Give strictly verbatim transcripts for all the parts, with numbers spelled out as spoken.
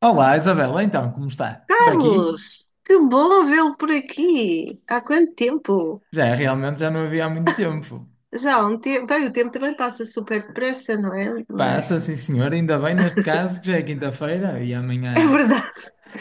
Olá, Isabela, então, como está? Por aqui? Carlos, que bom vê-lo por aqui. Há quanto tempo? Já, realmente já não havia há muito tempo. Já há um tempo. Bem, o tempo também passa super depressa, não é? Passa, Mas sim senhor, ainda bem neste caso que já é quinta-feira e é amanhã, verdade.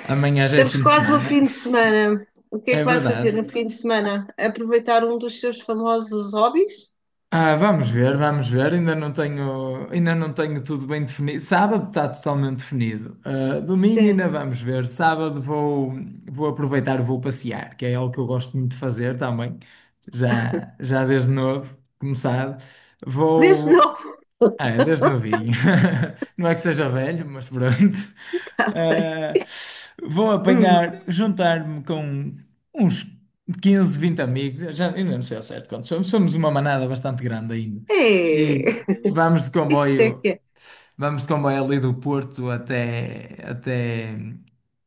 amanhã já é Estamos fim de quase no semana. fim de semana. O que é É que vai verdade. fazer no fim de semana? Aproveitar um dos seus famosos hobbies? Ah, vamos ver, vamos ver, ainda não tenho, ainda não tenho tudo bem definido. Sábado está totalmente definido. Ah, domingo Sim. ainda vamos ver. Sábado vou, vou aproveitar, vou passear, que é algo que eu gosto muito de fazer também, já, já desde novo, como sabe. Desde Vou. novo. Ah, é desde novinho. Não é que seja velho, mas pronto. Ah, bem. Ah, vou Hum. apanhar, juntar-me com uns quinze, vinte amigos. Eu já, ainda não sei ao certo quantos somos. Somos uma manada bastante grande ainda. E É. vamos de Isso é comboio, que é. vamos de comboio ali do Porto até, até,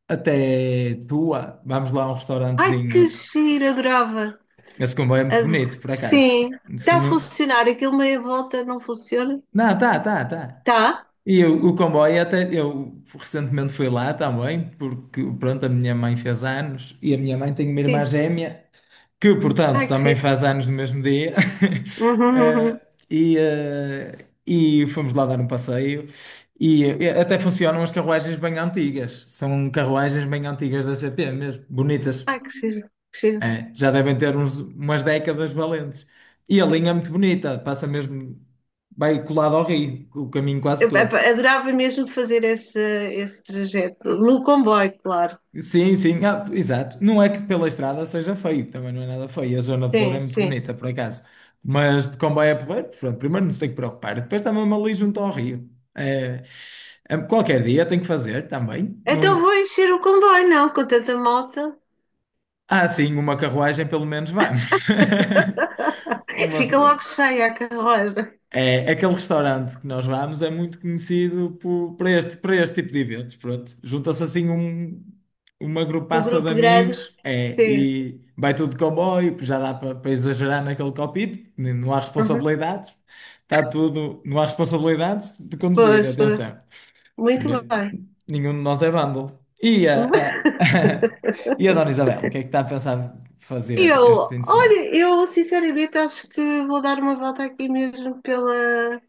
até Tua. Vamos lá a um Ai, que restaurantezinho. giro, adorava. Esse comboio é muito Ad- bonito, por acaso. Sim. Se Está a não... funcionar. Aquilo meia volta não funciona? Não, tá, tá, tá. Está? E o, o comboio até eu recentemente fui lá também, porque pronto, a minha mãe fez anos e a minha mãe tem uma irmã Sim. gêmea que, Ai, portanto, que também giro. faz anos no mesmo dia. Eh, e, eh, e fomos lá dar um passeio e eh, até funcionam as carruagens bem antigas. São carruagens bem antigas da C P mesmo, bonitas. Ai, que giro, que giro. É, já devem ter uns, umas décadas valentes. E a linha é muito bonita, passa mesmo, vai colado ao rio, o caminho quase Eu, todo. epá, adorava mesmo fazer esse, esse trajeto. No comboio, claro. Sim, sim, ah, exato. Não é que pela estrada seja feio, também não é nada feio. A zona de Douro é Sim, muito sim. bonita, por acaso. Mas de comboio é porreiro, pronto, primeiro não se tem que preocupar. Depois está mesmo ali junto ao rio. É, é, qualquer dia tem que fazer também. Então Não... vou encher o comboio, não, com tanta malta. Ah, sim, uma carruagem pelo menos vamos. Uma. Fica logo cheia a carruagem. É, é aquele restaurante que nós vamos é muito conhecido por, para este, para este tipo de eventos, pronto. Junta-se assim um, uma Um grupaça de grupo grande, amigos, é, sim. e vai tudo de comboio, pois já dá para, para exagerar naquele copito, porque n- não há Uhum. responsabilidades, está tudo, não há responsabilidades de conduzir, Pois, pois. atenção, que Muito ne- bem. nenhum de nós é vândalo. E a, a- e a Dona Isabel, o que é que está a pensar fazer Eu, este fim de semana? olha, eu sinceramente acho que vou dar uma volta aqui mesmo pela,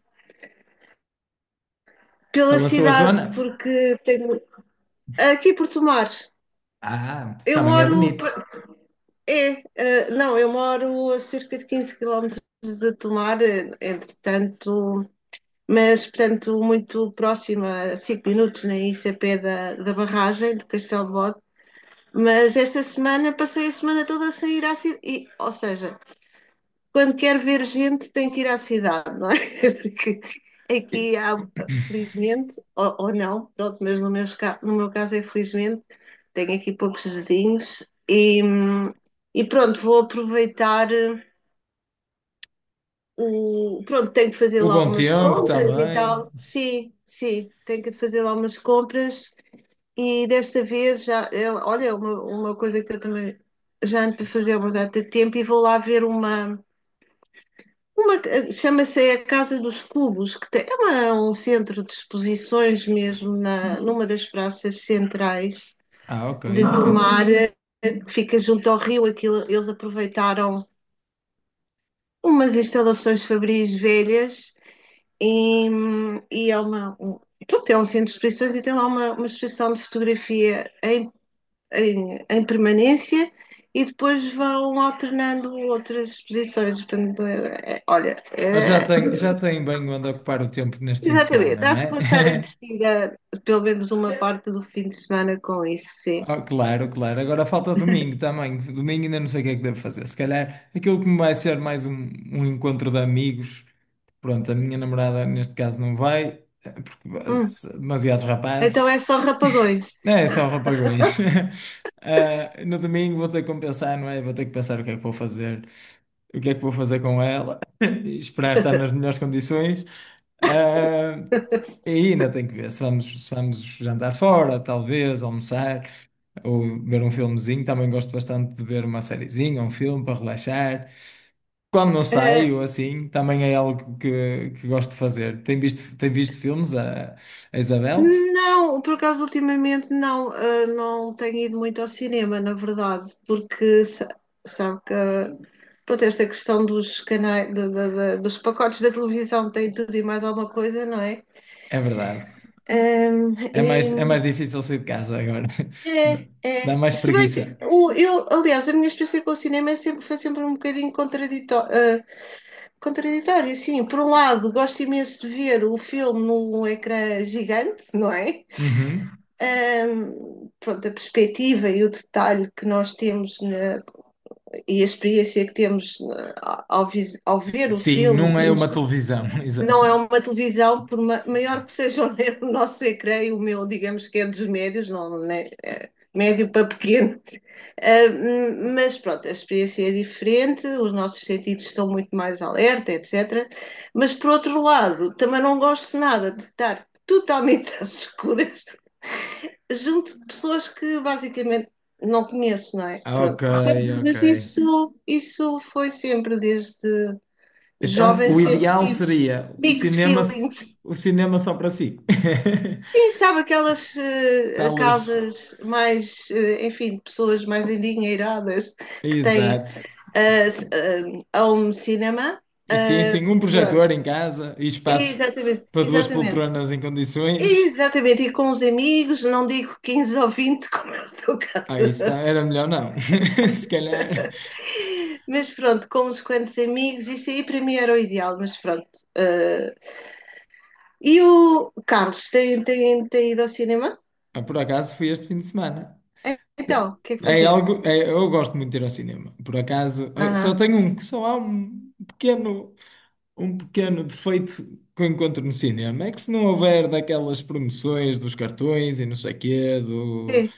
pela Pela sua cidade, zona? porque tenho. Aqui por Tomar. Ah, Eu também é moro bonito. É, eh, Não, eu moro a cerca de quinze quilómetros de Tomar, eh, entretanto, mas, portanto, muito próxima, a cinco minutos, nem isso, a pé da, da barragem de Castelo de Bode. Mas esta semana passei a semana toda sem ir à cidade, ou seja, quando quer ver gente tem que ir à cidade, não é? Porque aqui há, felizmente, ou, ou não, pronto, mas no meu, no meu caso é felizmente, tenho aqui poucos vizinhos e, e pronto, vou aproveitar eh, o. Pronto, tenho que fazer O lá bom umas tempo compras e também. tal. Sim, sim, tenho que fazer lá umas compras e desta vez já. Eu, olha, é uma, uma coisa que eu também já ando para fazer há uma data de tempo e vou lá ver uma. Uma que- chama-se a Casa dos Cubos, que tem- é uma- um centro de exposições mesmo na, numa das praças centrais Ah, ok, de ok. Tomar, eh, que fica junto ao rio. Aquilo, eles aproveitaram umas instalações fabris velhas e, hum, e é uma, um, pronto, é um centro de exposições e tem lá uma, uma exposição de fotografia em, em, em permanência. E depois vão alternando outras exposições. Portanto, é- é- olha, Mas já é. tem, já tem bem onde ocupar o tempo neste fim de Exatamente, semana, não acho que é? vou estar entretida pelo menos uma parte do fim de semana com isso, sim. Oh, claro, claro. Agora falta domingo também. Domingo ainda não sei o que é que devo fazer. Se calhar aquilo que me vai ser mais um, um encontro de amigos. Pronto, a minha namorada neste caso não vai, eh, porque Hum. eh, demasiados Então rapazes. é só rapagões. É, é só rapagões. Ah, no domingo vou ter que compensar, não é? Vou ter que pensar o que é que vou fazer, o que é que vou fazer com ela, e esperar estar nas melhores condições. Ah, e ainda tenho que ver se vamos, se vamos jantar fora, talvez, almoçar, ou ver um filmezinho. Também gosto bastante de ver uma sériezinha, um filme para relaxar. Quando não Ah, saio, assim, também é algo que, que gosto de fazer. Tem visto, tem visto filmes a, a Isabel? não, por acaso ultimamente não, ah, não tenho ido muito ao cinema, na verdade, porque sa- sabe que ah, pronto, esta questão dos canais, da- da- da- dos pacotes da televisão tem tudo e mais alguma coisa, não é? É verdade. Ahm, É mais, é mais e- difícil sair de casa agora. é, Dá Dá é. mais Se bem que preguiça. o- eu, aliás, a minha experiência com o cinema é sempre, foi sempre um bocadinho contraditória. Contraditório, sim. Por um lado, gosto imenso de ver o filme num ecrã gigante, não é? Uhum. Ahm, pronto, a perspectiva e o detalhe que nós temos na- e a experiência que temos na- ao, ao ver o Sim, filme não é uma televisão. não Exato. é uma televisão, por ma- maior que seja o o nosso ecrã, e o meu, digamos que é dos médios, não, né? É É médio para pequeno. Uh, mas pronto, a experiência é diferente, os nossos sentidos estão muito mais alerta, etcétera. Mas por outro lado, também não gosto nada de estar totalmente às escuras junto de pessoas que basicamente não conheço, não é? Ok, Pronto. Sempre, ok. mas isso, isso foi sempre, desde Então, jovem, o sempre ideal tive seria o mixed cinema, feelings. o cinema só para si. Sim, sabe aquelas uh, Salas. casas mais, uh, enfim, de pessoas mais endinheiradas que têm Exato. uh, a um cinema. Sim, sim, Uh, um Pronto, projetor em casa e espaço exatamente, para duas exatamente. poltronas em condições. Exatamente, e com os amigos, não digo quinze ou vinte como é o teu Ah, isso caso, tá- era melhor não. Se calhar. mas pronto, com uns quantos amigos, isso aí para mim era o ideal, mas pronto. Uh, e o Carlos, tem, tem, tem ido ao cinema? Ah, por acaso fui este fim de semana. Então, o que é que foi É ver? algo, é- eu gosto muito de ir ao cinema. Por acaso, eh, só Aham, tenho um, só há um pequeno, um pequeno defeito que eu encontro no cinema. É que se não houver daquelas promoções dos cartões e não sei quê, sim,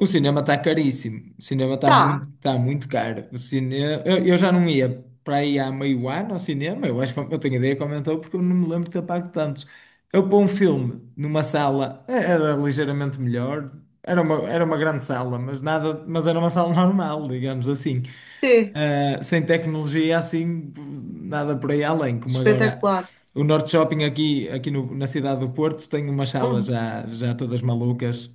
o cinema está caríssimo. O cinema está muito, tá, tá muito caro. O cinema, eu, eu já não ia para aí há meio ano ao cinema. Eu acho que eu tenho ideia que aumentou porque eu não me lembro de ter pago tanto. Eu pôr um filme numa sala eh, era ligeiramente melhor. Era uma, era uma grande sala, mas nada, mas era uma sala normal, digamos assim. sim, Uh, sem tecnologia assim, nada por aí além, como agora espetacular. o Norte Shopping aqui, aqui no- na cidade do Porto tem umas salas Hum, já, já todas malucas.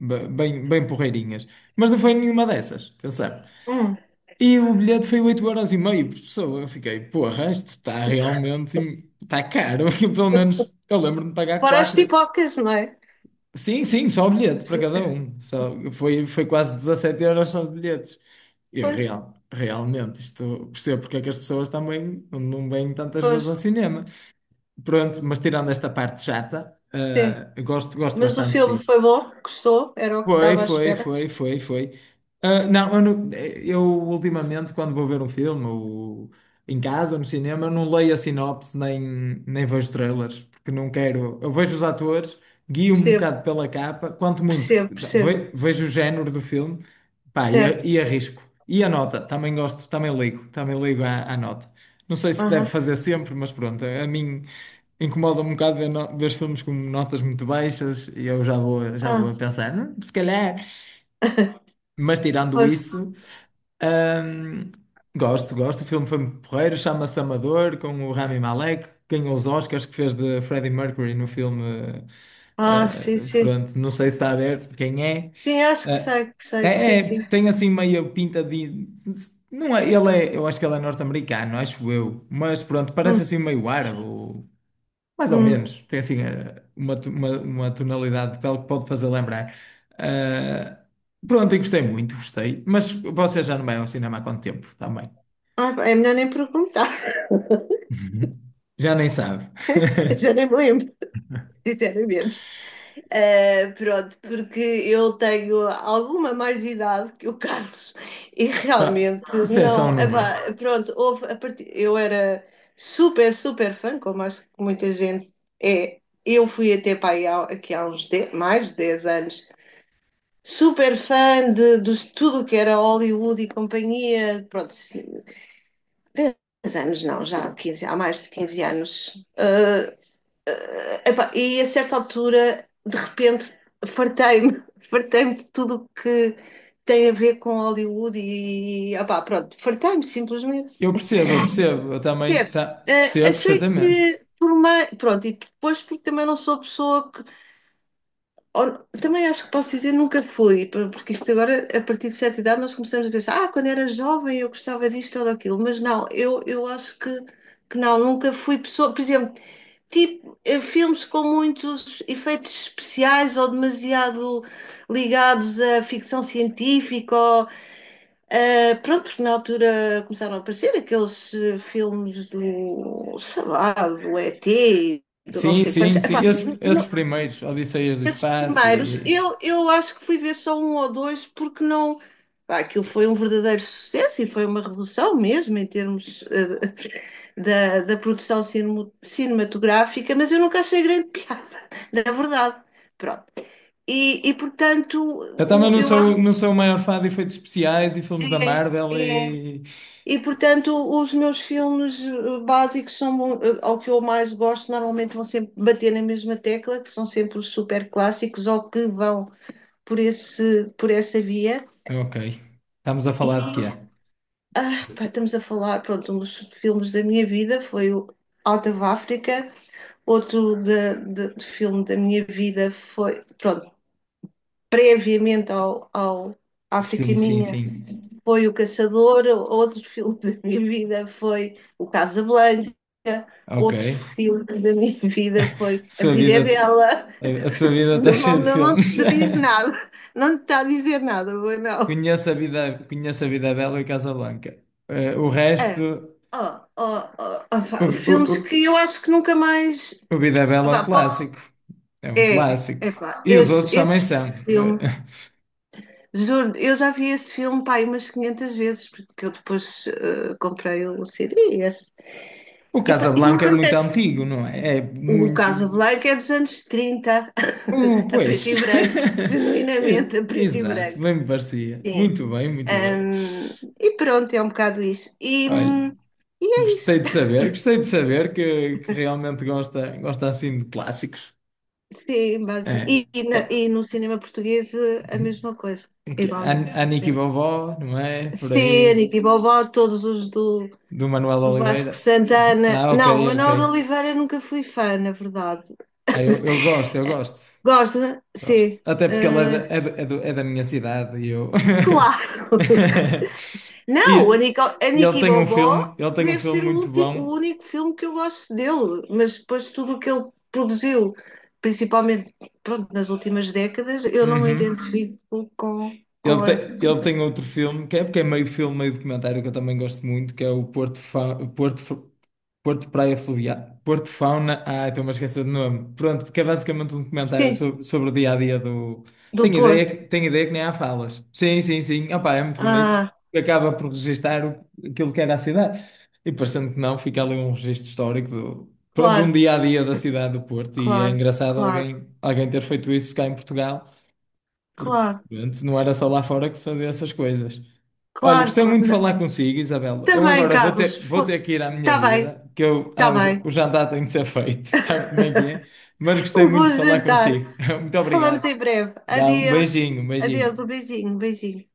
Be- Bem, bem porreirinhas. Mas não foi nenhuma dessas, atenção. hum. E o bilhete foi oito vírgula cinco euros por pessoa. Eu fiquei, porra, isto está realmente, está caro. Eu, Pelo menos eu lembro-me de pagar Para as quatro. pipocas, não é? Sim, sim, só o bilhete para cada um. Só, foi, foi quase dezassete euros só de bilhetes. Eu, Pois, real, realmente, isto percebo porque é que as pessoas também não não vêm tantas pois, vezes ao cinema. Pronto, mas tirando esta parte chata, sim. eh, gosto, gosto Mas o bastante de filme ir. foi bom, gostou, era o que Foi, estava à foi, espera. foi, foi, foi. Ah, não, eu, não- eu ultimamente, quando vou ver um filme ou em casa ou no cinema, eu não leio a sinopse nem, nem vejo trailers, porque não quero. Eu vejo os atores, guio-me um Percebo, bocado pela capa, quanto muito percebo, percebo. ve- vejo o género do filme, pá, e, a- Certo. e arrisco. E a nota, também gosto, também ligo, também ligo à, à nota. Não sei se deve Aham. fazer sempre, mas pronto, a mim incomoda um bocado ver, no- ver filmes com notas muito baixas e eu já vou, já vou Ah, a pensar, "Hum, se calhar. Mas tirando pois. isso, hum, gosto, gosto. O filme foi muito porreiro, chama-se Amador, com o Rami Malek. Ganhou os Oscars que fez de Freddie Mercury no filme. Ah, eh, sim, eh, sim. pronto, não sei se está a ver quem é. Sim, acho que Eh, sei, que sei. Sim, é, é, sim. tem assim meio pinta de. Não é, ele é, eu acho que ele é norte-americano, acho eu. Mas pronto, parece Hum, assim meio árabe. Mais ou hum. menos, tem assim eh, uma, to- uma, uma tonalidade de pele que pode fazer lembrar. Ah, pronto, e gostei muito, gostei. Mas você já não vai ao cinema há quanto tempo também? Ah, é melhor nem perguntar. Uhum. Já nem sabe. Eu já nem me lembro, sinceramente. Uh, pronto, porque eu tenho alguma mais idade que o Carlos e Já, realmente isso é só um não. Epá, número. pronto, houve a partir, eu era super, super fã, como acho que muita gente é. Eu fui até para aí há, aqui há uns de- mais de dez anos, super fã de, de tudo o que era Hollywood e companhia. Pronto, sim, dez anos não, já há quinze, há mais de quinze anos. Uh, Epá, e a certa altura, de repente, fartei-me, fartei-me de tudo o que tem a ver com Hollywood e, epá, pronto, fartei-me simplesmente. Eu percebo, eu percebo, eu também Percebe? tá, Eh, percebo Achei perfeitamente. que por uma. Pronto, e depois porque também não sou pessoa que. Ou- também acho que posso dizer nunca fui, por- porque isto agora, a partir de certa idade, nós começamos a pensar, ah, quando era jovem eu gostava disto ou daquilo, mas não, eu, eu acho que, que não, nunca fui pessoa. Por exemplo, tipo, eh, filmes com muitos efeitos especiais ou demasiado ligados à ficção científica. Ou, eh, pronto, na altura começaram a aparecer aqueles eh, filmes do, sei lá, do E T, do não Sim, sei quantos. sim, sim. Epá, Esses, esses n- primeiros, Odisseias do esses Espaço primeiros, e. eu, eu acho que fui ver só um ou dois, porque não. Pá, aquilo foi um verdadeiro sucesso e foi uma revolução mesmo em termos eh, da, da produção cinemo- cinematográfica, mas eu nunca achei grande piada, na verdade. Pronto. E, e portanto, Eu também o, não eu acho sou, não sou o maior fã de efeitos especiais e que filmes da é, Marvel é. e. E portanto, os meus filmes eh, básicos são mu- eh, ao que eu mais gosto, normalmente vão sempre bater na mesma tecla, que são sempre os super clássicos ou que vão por, esse, por essa via. Ok. Estamos a E falar de quê? ah, pá, estamos a falar, pronto, um dos filmes da minha vida foi o Out of Africa, outro de, de, de filme da minha vida foi, pronto, previamente ao, ao África Sim, sim, Minha sim. foi O Caçador, outro filme da minha vida foi O Casablanca, Ok. outro filme da minha vida foi A Sua Vida é vida, Bela. a, a sua vida está Não, não, cheia de não, filmes. te diz nada, não te está a dizer nada, foi não. Conheço a vida, conheço a Vida Bela e Casablanca. Eh, o resto, É. Oh, oh, oh, oh, o, pá, o, o, filmes que eu acho que nunca mais. o Vida Bela é um Epá, posso. clássico. É um É, é clássico. epá, E os esse, outros também esse são. Eh, filme, juro, eu já vi esse filme pá, aí umas quinhentas vezes, porque eu depois eh, comprei o C D. E esse. O Epá, e não Casablanca é muito acontece. antigo, não é? É O muito. Casablanca é dos anos trinta Uh, a preto Pois. e branco, genuinamente E- a preto e Exato, branco. bem me parecia. Sim. Muito bem, muito bem. Ahm, e pronto, é um bocado isso. E, Olha. hum, e é isso. Gostei de saber, gostei de saber que, que realmente gosta, gosta assim de clássicos. Sim, É, base. E, e é. na- e no cinema português eh, a mesma coisa, Aqui, An- igualmente. Aniki Vovó, não é? Por Sim, aí, Anita e Bobó, todos os do, do Manuel do Oliveira. Vasco Santana. Ah, ok, Não, ok. Manuel de Oliveira nunca fui fã, na verdade. Ah, eu, eu gosto, eu gosto. Gosta? Sim. Gosto. Até porque ele é da, Eh, é do- é do- é da minha cidade e eu. Claro. E, Não, o Anica, e Anica ele e tem um Bobó filme, ele tem um deve filme ser o, muito ulti, o bom. único filme que eu gosto dele, mas depois tudo o que ele produziu, principalmente, pronto, nas últimas décadas, eu não me Uhum. identifico com, Ele com tem, essa. ele tem outro filme, que é porque é meio filme, meio documentário, que eu também gosto muito, que é o Porto, Fa... Porto, Fa- Porto Praia Fluvial. Porto Fauna. Ah, estou-me a esquecer do nome. Pronto, porque é basicamente um documentário Sim, sobre, sobre o dia a dia do. do Tenho ideia, Porto. Que- tenho ideia que nem há falas. Sim, sim, sim. Opá, é muito bonito. Ah, Acaba por registar o- aquilo que era a cidade. E parecendo que não, fica ali um registro histórico do. Pronto, um claro, dia a dia da cidade do Porto. E é claro, engraçado claro, alguém, alguém ter feito isso cá em Portugal porque claro, antes não era só lá fora que se fazia essas coisas. Olha, claro, gostei claro. muito de Não, falar consigo, Isabel. Eu também, agora vou Carlos. ter, vou ter que ir à minha Está bem, vida, que eu, ah, está o, j- bem. o jantar tem de ser feito, sabe como é que é? Mas gostei Um muito bom de falar jantar. consigo. Muito Falamos obrigado. em breve. Dá um Adeus. beijinho, um Adeus, um beijinho. beijinho, um beijinho.